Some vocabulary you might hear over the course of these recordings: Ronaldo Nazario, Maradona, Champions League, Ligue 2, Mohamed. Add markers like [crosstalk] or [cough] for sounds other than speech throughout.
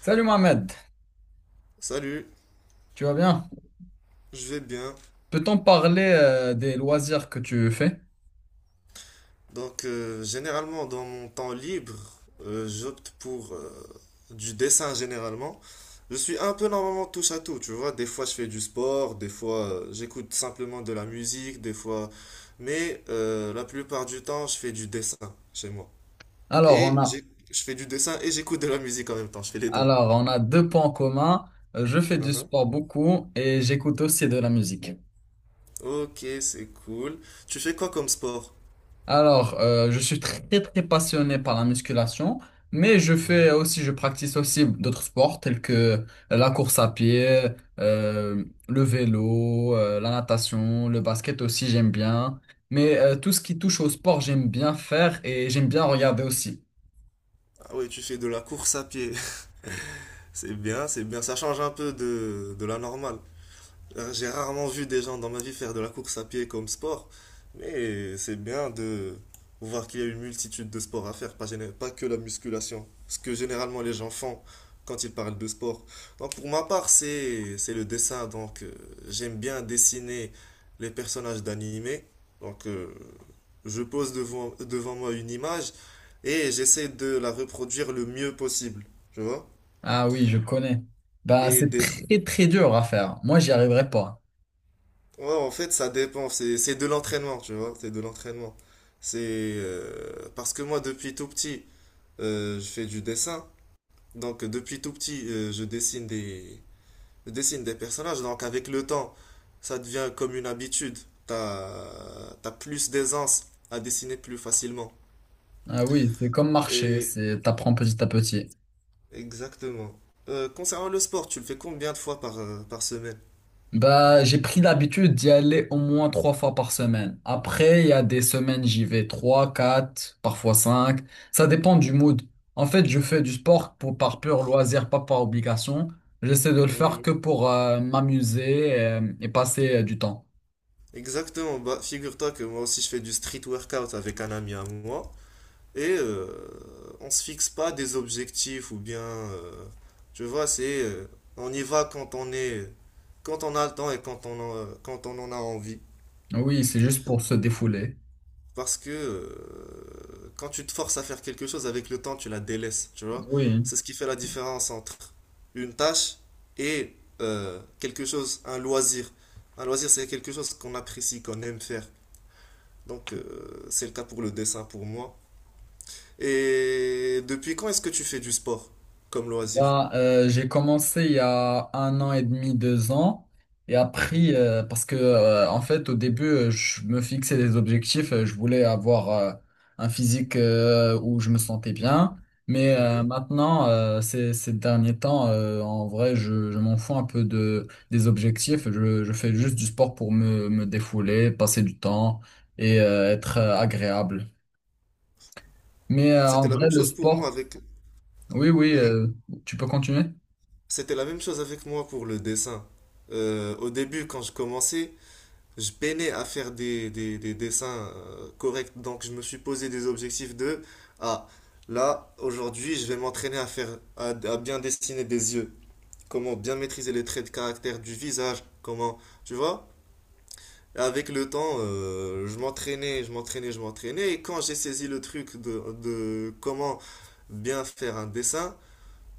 Salut Mohamed, Salut, tu vas bien? je vais bien. Peut-on parler des loisirs que tu fais? Donc, généralement, dans mon temps libre, j'opte pour du dessin généralement. Je suis un peu normalement touche à tout, tu vois. Des fois, je fais du sport, des fois, j'écoute simplement de la musique, des fois. Mais la plupart du temps, je fais du dessin chez moi. Alors on Et a, j'ai- je fais du dessin et j'écoute de la musique en même temps, je fais les deux. alors on a deux points communs. Je fais du Mhm. sport beaucoup et j'écoute aussi de la musique. Ok, c'est cool. Tu fais quoi comme sport? Alors je suis très très passionné par la musculation, mais Mhm. Je practice aussi d'autres sports tels que la course à pied, le vélo, la natation, le basket aussi j'aime bien. Mais tout ce qui touche au sport j'aime bien faire et j'aime bien regarder aussi. Ah oui, tu fais de la course à pied. C'est bien, c'est bien. Ça change un peu de la normale. J'ai rarement vu des gens dans ma vie faire de la course à pied comme sport, mais c'est bien de voir qu'il y a une multitude de sports à faire, pas, pas que la musculation. Ce que généralement les gens font quand ils parlent de sport. Donc pour ma part, c'est le dessin. Donc j'aime bien dessiner les personnages d'animés. Donc je pose devant moi une image et j'essaie de la reproduire le mieux possible. Tu vois? Ah oui, je connais. Bah, Et c'est des, très très dur à faire. Moi, j'y arriverai pas. Ouais, en fait, ça dépend. C'est de l'entraînement, tu vois. C'est de l'entraînement. C'est parce que moi, depuis tout petit, je fais du dessin. Donc, depuis tout petit, je dessine des personnages. Donc, avec le temps, ça devient comme une habitude. T'as plus d'aisance à dessiner plus facilement. Ah oui, c'est comme marcher, Et c'est t'apprends petit à petit. exactement. Concernant le sport, tu le fais combien de fois par, par semaine? Bah, j'ai pris l'habitude d'y aller au moins 3 fois par semaine. Après, il y a des semaines, j'y vais 3, 4, parfois 5. Ça dépend du mood. En fait, je fais du sport pour par pur loisir, pas par obligation. J'essaie de le faire que Mhm. pour m'amuser et, passer du temps. Exactement. Bah, figure-toi que moi aussi, je fais du street workout avec un ami à moi. Et on se fixe pas des objectifs ou bien, tu vois, c'est on y va quand on est, quand on a le temps et quand on en a envie. Oui, c'est juste pour se défouler. Parce que quand tu te forces à faire quelque chose avec le temps, tu la délaisses, tu vois. Oui. C'est ce qui fait la différence entre une tâche et quelque chose, un loisir. Un loisir, c'est quelque chose qu'on apprécie, qu'on aime faire. Donc, c'est le cas pour le dessin pour moi. Et depuis quand est-ce que tu fais du sport comme loisir? Ben, j'ai commencé il y a 1 an et demi, 2 ans. Et après, Mhm, parce que en fait, au début, je me fixais des objectifs. Je voulais avoir un physique où je me sentais bien. Mais mhm. maintenant, ces derniers temps, en vrai, je m'en fous un peu des objectifs. Je fais juste du sport pour me défouler, passer du temps et être agréable. Mais en C'était la vrai, même le chose pour moi sport. avec... Oui, oui, Mhm. Tu peux continuer? C'était la même chose avec moi pour le dessin. Au début, quand je commençais, je peinais à faire des dessins corrects. Donc, je me suis posé des objectifs de, ah, là, aujourd'hui, je vais m'entraîner à faire, à bien dessiner des yeux. Comment bien maîtriser les traits de caractère du visage. Comment, tu vois? Avec le temps, je m'entraînais. Et quand j'ai saisi le truc de comment bien faire un dessin,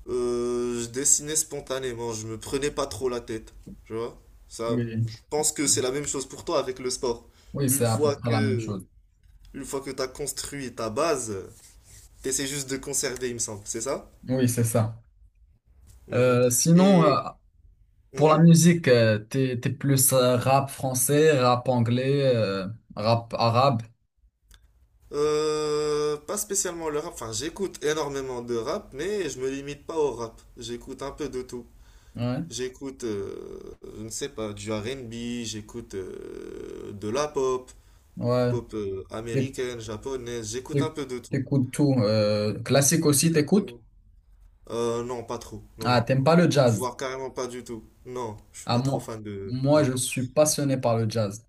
je dessinais spontanément. Je me prenais pas trop la tête. Tu vois? Ça, Oui. je pense que c'est la même chose pour toi avec le sport. Oui, c'est Une à peu fois près la même que, chose. une fois que tu as construit ta base, tu essaies juste de conserver, il me semble. C'est ça? Oui, c'est ça. Mhm. Sinon, Et. pour la Mhm. musique, t'es plus rap français, rap anglais, rap arabe. Pas spécialement le rap, enfin j'écoute énormément de rap, mais je me limite pas au rap. J'écoute un peu de tout. Ouais, J'écoute, je ne sais pas, du R&B, j'écoute de la pop, ouais. pop T'é- américaine, japonaise, j'écoute un t'é- peu de tout. T'écoutes tout. Classique aussi, t'écoutes? Exactement. Non, pas trop. Non, Ah, non, t'aimes non. pas le jazz? Voire carrément pas du tout. Non, je suis Ah, pas trop moi, fan de... moi, Non. je suis passionné par le jazz.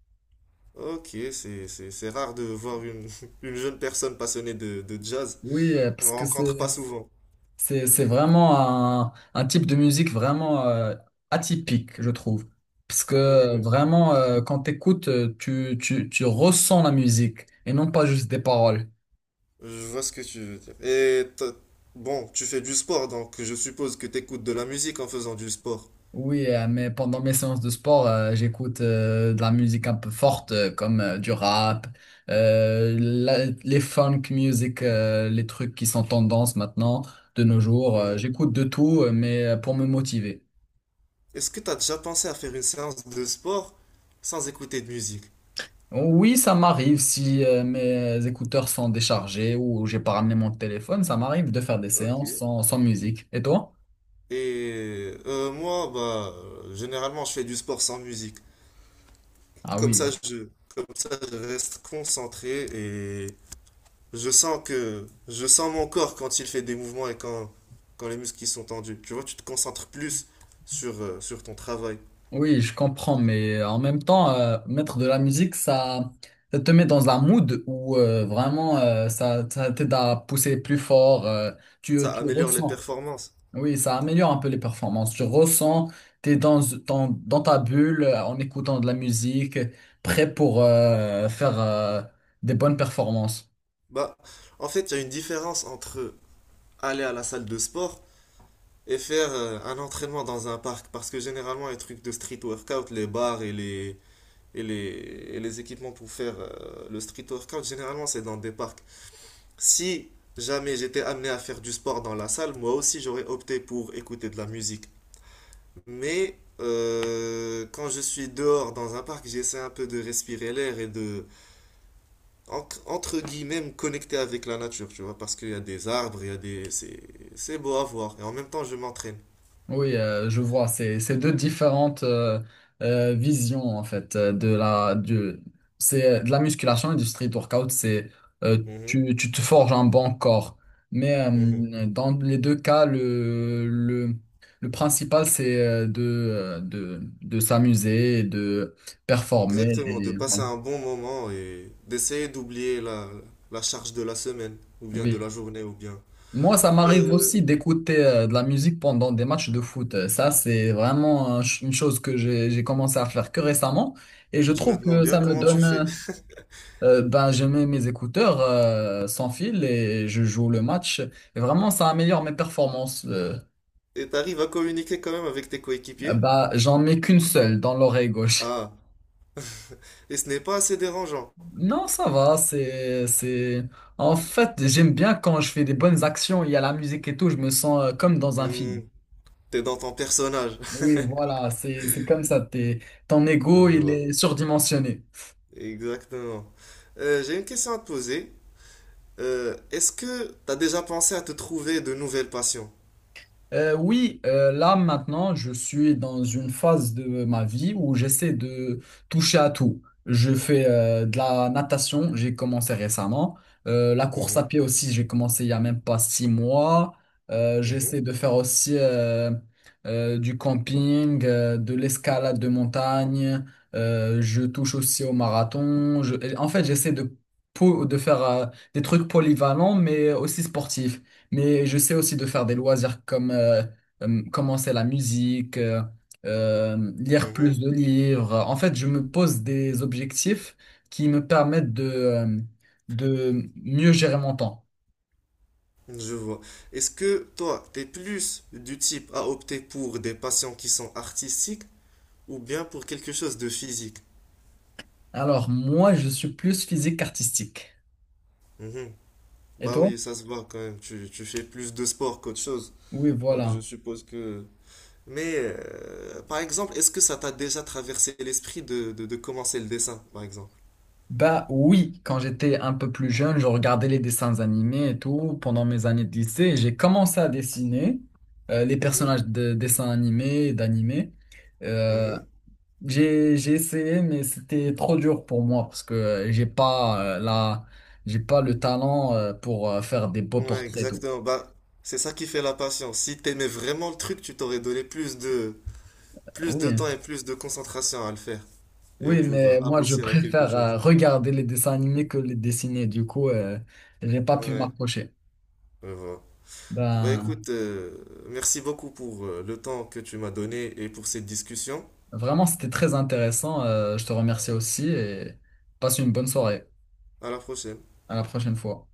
Ok, c'est rare de voir une, [laughs] une jeune personne passionnée de jazz. Oui, On ne parce que rencontre pas c'est souvent. C'est vraiment un type de musique vraiment atypique, je trouve. Parce que vraiment, quand t'écoutes, tu ressens la musique et non pas juste des paroles. Je vois ce que tu veux dire. Bon, tu fais du sport, donc je suppose que tu écoutes de la musique en faisant du sport. Oui, mais pendant mes séances de sport, j'écoute de la musique un peu forte, comme du rap, les funk music, les trucs qui sont tendance maintenant, de nos jours. Euh, Mhm. j'écoute de tout, mais pour me motiver. Est-ce que tu as déjà pensé à faire une séance de sport sans écouter de musique? Oui, ça m'arrive si mes écouteurs sont déchargés ou j'ai pas ramené mon téléphone, ça m'arrive de faire des Ok. séances sans musique. Et toi? Et moi, bah, généralement, je fais du sport sans musique. Ah Comme ça, oui, je, comme ça, je reste concentré et je sens mon corps quand il fait des mouvements et quand, quand les muscles qui sont tendus. Tu vois, tu te concentres plus sur, sur ton travail. oui, je comprends, mais en même temps, mettre de la musique, ça te met dans un mood où vraiment ça t'aide à pousser plus fort. Tu, Ça tu améliore les ressens. performances. Oui, ça améliore un peu les performances. Tu ressens, t'es dans ta bulle en écoutant de la musique, prêt pour faire des bonnes performances. Bah, en fait, il y a une différence entre aller à la salle de sport et faire un entraînement dans un parc. Parce que généralement, les trucs de street workout, les bars et les, et les, et les équipements pour faire le street workout, généralement, c'est dans des parcs. Si jamais j'étais amené à faire du sport dans la salle, moi aussi, j'aurais opté pour écouter de la musique. Mais quand je suis dehors dans un parc, j'essaie un peu de respirer l'air et de entre guillemets, me connecter avec la nature, tu vois, parce qu'il y a des arbres, il y a des... c'est beau à voir. Et en même temps, je m'entraîne. Oui, je vois, c'est deux différentes visions en fait de la musculation et du street workout, c'est Mhm, tu te forges un bon corps. Mais mhm. Dans les deux cas, le principal c'est de s'amuser et de performer Exactement, de et passer ouais. un bon moment et d'essayer d'oublier la charge de la semaine, ou bien de la Oui. journée, ou bien... Moi, ça m'arrive Euh, aussi d'écouter de la musique pendant des matchs de foot. Ça, c'est vraiment une chose que j'ai commencé à faire que récemment. Et je je me trouve demande que bien ça me comment tu donne. fais. Ben, je mets mes écouteurs sans fil et je joue le match. Et vraiment, ça améliore mes performances. Euh, Et t'arrives à communiquer quand même avec tes euh, coéquipiers? bah, j'en mets qu'une seule dans l'oreille gauche. Ah, et ce n'est pas assez dérangeant. Non, ça va, En fait, j'aime bien quand je fais des bonnes actions, il y a la musique et tout, je me sens comme dans un Hmm, film. t'es dans ton personnage. [laughs] Oui, voilà, c'est comme ça. Ton Je ego, il vois. est surdimensionné. Exactement. J'ai une question à te poser. Est-ce que tu as déjà pensé à te trouver de nouvelles passions? Oui, là maintenant, je suis dans une phase de ma vie où j'essaie de toucher à tout. Je fais de la natation, j'ai commencé récemment. La course à Mhm, pied aussi, j'ai commencé il y a même pas 6 mois. Euh, mhm, j'essaie de faire aussi du camping, de l'escalade de montagne. Je touche aussi au marathon. En fait, j'essaie de faire des trucs polyvalents, mais aussi sportifs. Mais je sais aussi de faire des loisirs comme commencer la musique, lire plus mhm. de livres. En fait, je me pose des objectifs qui me permettent de mieux gérer mon temps. Je vois. Est-ce que toi, t'es plus du type à opter pour des passions qui sont artistiques ou bien pour quelque chose de physique? Alors, moi, je suis plus physique qu'artistique. Mhm. Et Bah toi? oui, ça se voit quand même. Tu fais plus de sport qu'autre chose. Oui, Donc je voilà. suppose que... Mais par exemple, est-ce que ça t'a déjà traversé l'esprit de commencer le dessin, par exemple? Bah oui, quand j'étais un peu plus jeune, je regardais les dessins animés et tout pendant mes années de lycée. Et j'ai commencé à dessiner les Mhm, personnages de dessins animés et d'animés. euh, mhm. j'ai essayé, mais c'était trop dur pour moi parce que j'ai pas le talent pour faire des beaux Ouais, portraits et tout. exactement. Bah, c'est ça qui fait la patience. Si t'aimais vraiment le truc, tu t'aurais donné plus de temps Oui, et plus de concentration à le faire et oui, pour mais moi je aboutir à quelque préfère chose. Regarder les dessins animés que les dessiner. Du coup, j'ai pas pu Ouais, m'accrocher. je vois. Bah Ben, écoute, merci beaucoup pour le temps que tu m'as donné et pour cette discussion. vraiment, c'était très intéressant. Je te remercie aussi et passe une bonne soirée. À la prochaine. À la prochaine fois.